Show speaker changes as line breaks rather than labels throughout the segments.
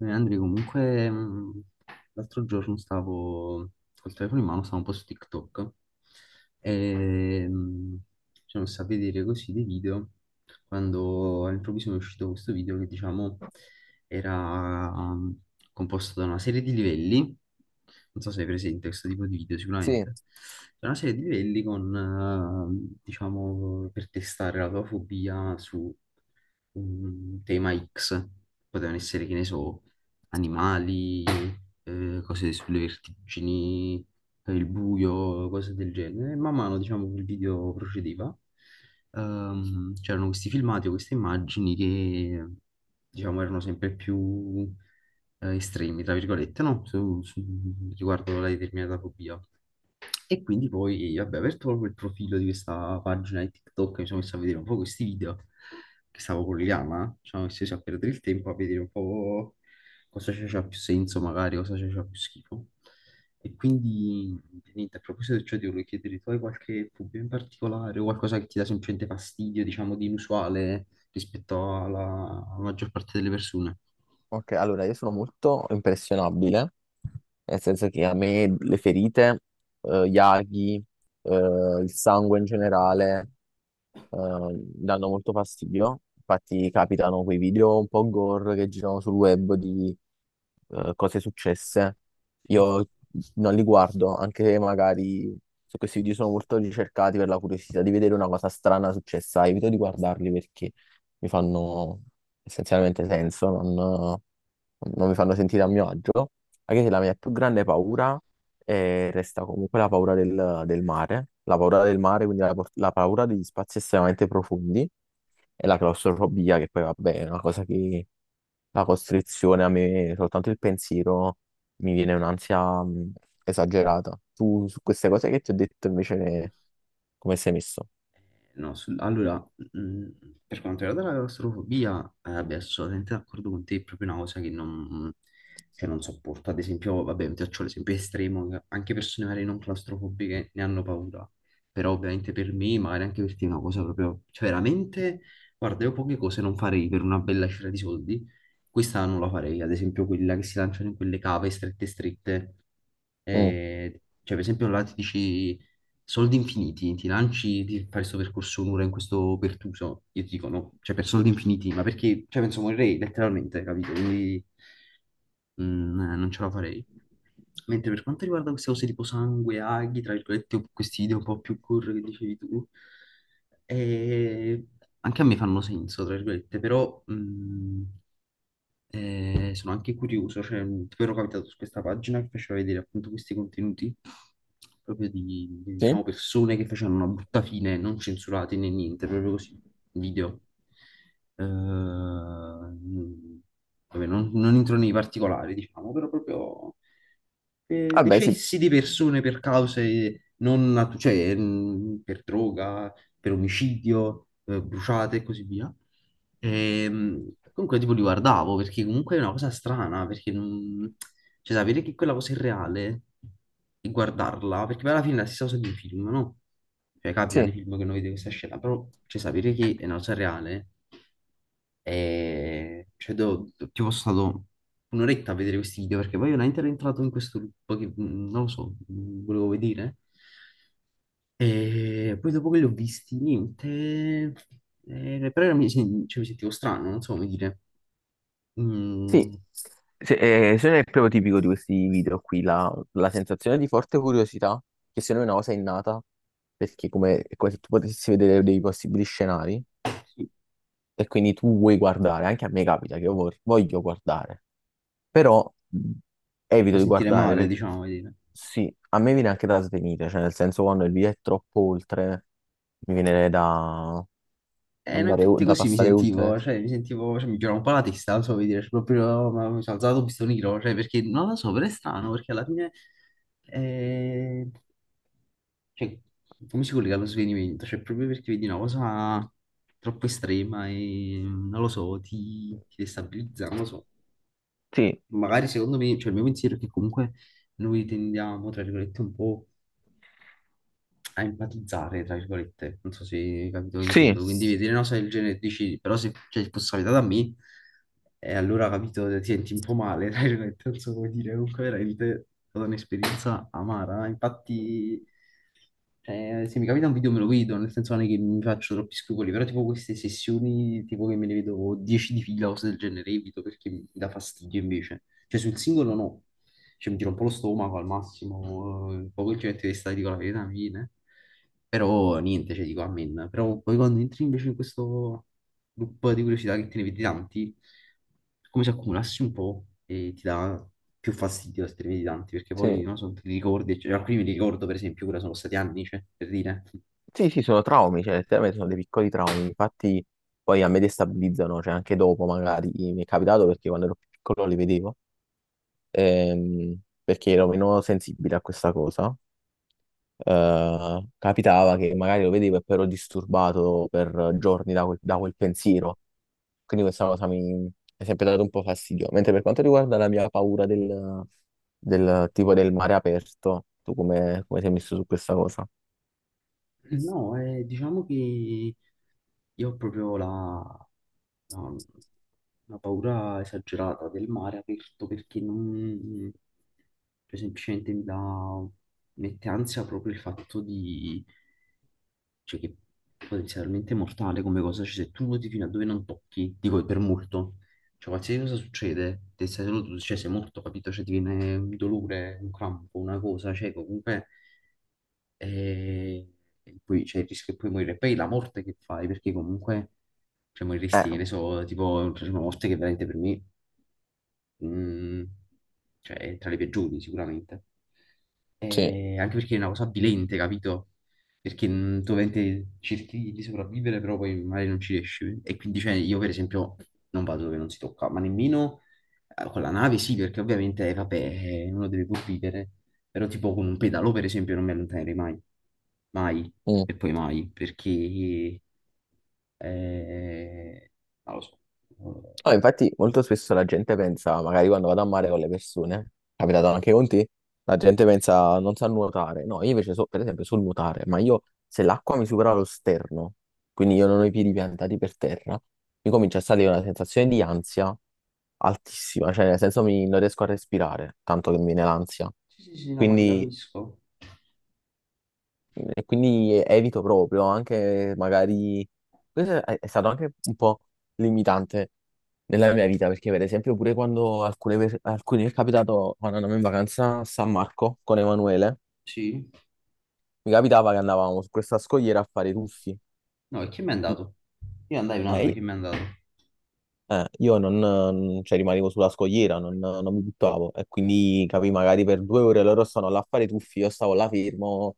Andri, comunque, l'altro giorno stavo col telefono in mano, stavo un po' su TikTok e ci sono messo a vedere così dei video quando all'improvviso mi è uscito questo video che, diciamo, era composto da una serie di livelli, non so se hai presente questo tipo di video
Sì,
sicuramente. C'è una serie di livelli con, diciamo, per testare la tua fobia su un tema X. Potevano essere, che ne so, animali, cose sulle vertigini, per il buio, cose del genere. E man mano, diciamo, che il video procedeva, c'erano questi filmati o queste immagini che, diciamo, erano sempre più estremi, tra virgolette, no? Riguardo alla determinata fobia. E quindi poi, vabbè, ho aperto proprio il profilo di questa pagina di TikTok, e mi sono messo a vedere un po' questi video che stavo collegando, ci sono messo a perdere il tempo a vedere un po' cosa c'è più senso magari, cosa c'è più schifo. E quindi, niente, a proposito di ciò, ti volevo chiedere, tu hai qualche dubbio in particolare o qualcosa che ti dà semplicemente fastidio, diciamo, di inusuale rispetto alla alla maggior parte delle persone?
ok, allora io sono molto impressionabile, nel senso che a me le ferite, gli aghi, il sangue in generale, danno molto fastidio. Infatti capitano quei video un po' gore che girano sul web di cose successe.
Sì.
Io non li guardo, anche se magari se questi video sono molto ricercati per la curiosità di vedere una cosa strana successa, evito di guardarli perché mi fanno essenzialmente senso, non mi fanno sentire a mio agio. Anche se la mia più grande paura e resta comunque la paura del mare, la paura del mare, quindi la paura degli spazi estremamente profondi e la claustrofobia, che poi vabbè è una cosa che la costrizione a me, soltanto il pensiero mi viene un'ansia esagerata. Tu su queste cose che ti ho detto invece come sei messo?
No, allora, mh, per quanto riguarda la claustrofobia, beh, sono assolutamente d'accordo con te, è proprio una cosa che non, cioè, non sopporto. Ad esempio, vabbè, ti faccio l'esempio estremo, che anche persone magari non claustrofobiche ne hanno paura, però ovviamente per me, magari anche per te è una cosa proprio, cioè veramente, guarda, io poche cose non farei per una bella cifra di soldi, questa non la farei, ad esempio quella che si lanciano in quelle cave strette strette,
Mm,
cioè, per esempio, là ti dici soldi infiniti, ti lanci di fare questo percorso un'ora in questo pertuso. Io ti dico no, cioè per soldi infiniti, ma perché, cioè, penso morirei letteralmente, capito? Quindi non ce la farei. Mentre per quanto riguarda queste cose tipo sangue, aghi, tra virgolette, o questi video un po' più curri che dicevi tu, eh, anche a me fanno senso, tra virgolette, però... e sono anche curioso, cioè, tipo ero capitato su questa pagina che faceva vedere appunto questi contenuti proprio di,
sì?
diciamo, persone che facevano una brutta fine, non censurati né niente, proprio così, video. Ehm, Vabbè, non entro nei particolari, diciamo, però proprio
Vabbè, sì,
decessi di persone per cause non, per droga, per omicidio, bruciate e così via. Comunque tipo li guardavo perché comunque è una cosa strana, perché non... cioè, sapere che quella cosa è reale e guardarla, perché poi alla fine è la stessa cosa di un film, no? Cioè capita nei
sì.
film che noi vediamo questa scena, però cioè, sapere che è una cosa reale. E cioè, tipo, sono stato un'oretta a vedere questi video perché poi io veramente ero entrato in questo loop che non lo so, volevo vedere. E poi dopo che li ho visti, niente, però cioè, mi sentivo strano, non so come dire.
Sì,
Mm.
se non è proprio tipico di questi video qui, la sensazione di forte curiosità, che secondo me è una cosa innata, perché come, è come se tu potessi vedere dei possibili scenari
Sì,
e quindi tu vuoi guardare, anche a me capita che io voglio guardare, però evito
da
di
sentire
guardare,
male,
perché
diciamo, come dire.
sì, a me viene anche da svenire, cioè nel senso quando il video è troppo oltre, mi viene da
No,
andare,
infatti
da
così mi
passare oltre.
sentivo, cioè mi girava un po' la testa, non so come dire, cioè, proprio no, ma mi sono alzato un pistone nero, cioè perché non lo so, però è strano, perché alla fine, eh, cioè, come si collega allo svenimento? Cioè proprio perché vedi una cosa troppo estrema e non lo so, ti destabilizza, non lo so.
Sì,
Magari secondo me, cioè il mio pensiero è che comunque noi tendiamo, tra virgolette, un po' a empatizzare, tra virgolette, non so se hai capito che
sì,
intendo, quindi vedere una cosa del genere e dici, però se cioè, fosse capitata a me, e allora capito, ti senti un po' male, tra virgolette, non so come dire, comunque veramente è stata un'esperienza amara, infatti cioè, se mi capita un video me lo vedo, nel senso non è che mi faccio troppi scrupoli, però tipo queste sessioni, tipo che me ne vedo 10 di fila o cose del genere, evito perché mi dà fastidio invece. Cioè sul singolo no, cioè mi tiro un po' lo stomaco al massimo, poi quel gente di stare dico la verità, mi viene. Però niente, cioè dico amen. Però poi quando entri invece in questo loop di curiosità che te ne vedi tanti, come se accumulassi un po' e ti dà più fastidio se te ne vedi tanti, perché poi,
sì.
non so, te li ricordi, cioè, alcuni mi ricordo, per esempio, ora sono stati anni, cioè, per dire.
Sì, sì, sono traumi, cioè, letteralmente sono dei piccoli traumi, infatti poi a me destabilizzano, cioè anche dopo magari mi è capitato perché quando ero più piccolo li vedevo, ehm, perché ero meno sensibile a questa cosa. Capitava che magari lo vedevo e poi ero disturbato per giorni da quel pensiero, quindi questa cosa mi è sempre dato un po' fastidio. Mentre per quanto riguarda la mia paura del tipo del mare aperto, tu come, come sei messo su questa cosa?
No, diciamo che io ho proprio la- una paura esagerata del mare aperto, perché non... cioè, semplicemente mi dà... mette ansia proprio il fatto di... cioè che potenzialmente è mortale come cosa, cioè se tu nuoti fino a dove non tocchi, dico per molto, cioè qualsiasi cosa succede, te stai solo tu, cioè sei morto, capito? Cioè ti viene un dolore, un crampo, una cosa, cioè comunque eh, e poi c'è il rischio che puoi morire. Poi la morte che fai, perché comunque cioè,
Eh,
moriresti, che ne so, tipo una morte che veramente per me mm, cioè è tra le peggiori sicuramente.
sì.
E anche perché è una cosa avvilente, capito? Perché tu ovviamente cerchi di sopravvivere, però poi magari non ci riesci. E quindi cioè, io per esempio non vado dove non si tocca, ma nemmeno con la nave sì, perché ovviamente vabbè, uno deve pur vivere, però tipo con un pedalò per esempio non mi allontanerei mai, mai e poi mai, perché eh, non lo so.
No, infatti molto spesso la gente pensa, magari quando vado a mare con le persone, è capitato anche con te, la gente pensa non sa nuotare. No, io invece so, per esempio so nuotare, ma io se l'acqua mi supera lo sterno, quindi io non ho i piedi piantati per terra, mi comincia a salire una sensazione di ansia altissima, cioè nel senso non riesco a respirare, tanto che mi viene l'ansia.
Sì, sì, sì, no, ma ti
Quindi,
capisco.
e quindi evito proprio, anche magari... Questo è stato anche un po' limitante nella mia vita, perché per esempio pure quando alcuni mi è capitato, quando andavamo in vacanza a San Marco con Emanuele,
Sì.
mi capitava che andavamo su questa scogliera a fare i tuffi.
No, e chi mi è
I-
andato? Io andai un anno,
eh,
chi mi è andato?
io non, cioè, rimanevo sulla scogliera, non mi buttavo e quindi capì, magari per 2 ore loro stanno là a fare i tuffi, io stavo là fermo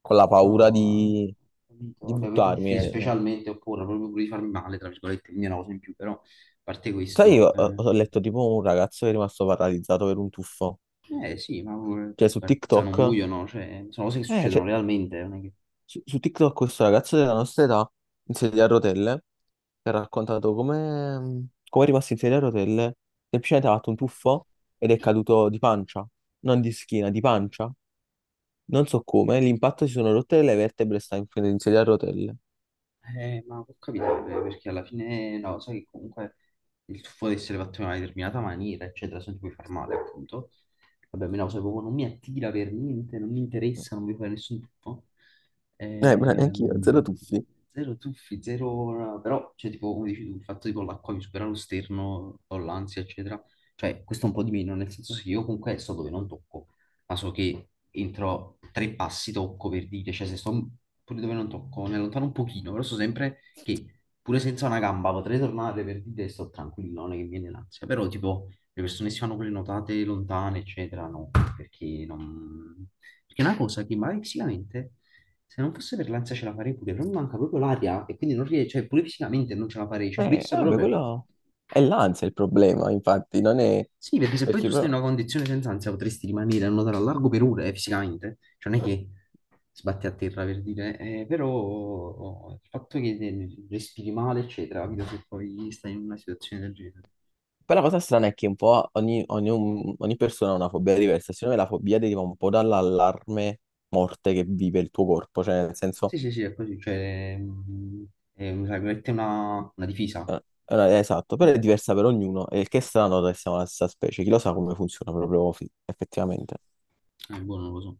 con la
No,
paura
ho
di,
capito.
di
Vabbè, poi
buttarmi.
tuffi
So.
specialmente, oppure proprio pure di farmi male, tra virgolette, quindi è una cosa in più, però, a parte
Sai,
questo,
io ho letto tipo un ragazzo che è rimasto paralizzato per un tuffo,
sì, ma pure- poi
cioè
si
su
spartizzano,
TikTok.
muoiono, cioè, sono cose che
Eh,
succedono
c'è
realmente, non è che...
su TikTok questo ragazzo della nostra età in sedia a rotelle che ha raccontato come è rimasto in sedia a rotelle, semplicemente ha fatto un tuffo ed è caduto di pancia, non di schiena, di pancia. Non so come, l'impatto si sono rotte le vertebre, sta in sedia a rotelle.
Ma può capitare, perché alla fine, no, sai che comunque il tuffo deve essere fatto in una determinata maniera, eccetera, se non ti puoi far male, appunto. Vabbè, a me la cosa proprio non mi attira per niente, non mi interessa, non voglio fare nessun tuffo.
Ma neanche io, zero
Ehm,
tuffi.
Zero tuffi, zero... Però, cioè, tipo, come dici tu, il fatto tipo l'acqua mi supera lo sterno, ho l'ansia, eccetera. Cioè, questo è un po' di meno, nel senso sì, io comunque so dove non tocco, ma so che entro 3 passi tocco per dire, cioè se sto pure dove non tocco, ne allontano un pochino, però so sempre che pure senza una gamba potrei tornare per dire sto tranquillo, non è che mi viene l'ansia. Però, tipo, le persone che si fanno quelle notate lontane, eccetera, no, perché non... Perché è una cosa che magari fisicamente... Se non fosse per l'ansia ce la farei pure, però mi manca proprio l'aria e quindi non riesco, cioè pure fisicamente non ce la farei, ci pulizzo
Vabbè,
proprio.
quello è l'ansia il problema, infatti, non è...
Sì, perché se poi
Perché
tu
però...
stai in una condizione senza ansia potresti rimanere a nuotare a largo per ore fisicamente, cioè non è che sbatti a terra per dire, però oh, il fatto che respiri male, eccetera, capito se poi stai in una situazione del genere.
Poi la cosa strana è che un po' ogni persona ha una fobia diversa, secondo me la fobia deriva un po' dall'allarme morte che vive il tuo corpo, cioè nel senso,
Sì, sì, sì, è così, cioè, è, tra virgolette, una difesa.
eh, esatto, però è diversa per ognuno, e il che è strano che siamo la stessa specie, chi lo sa come funziona proprio effettivamente.
Boh, non lo so.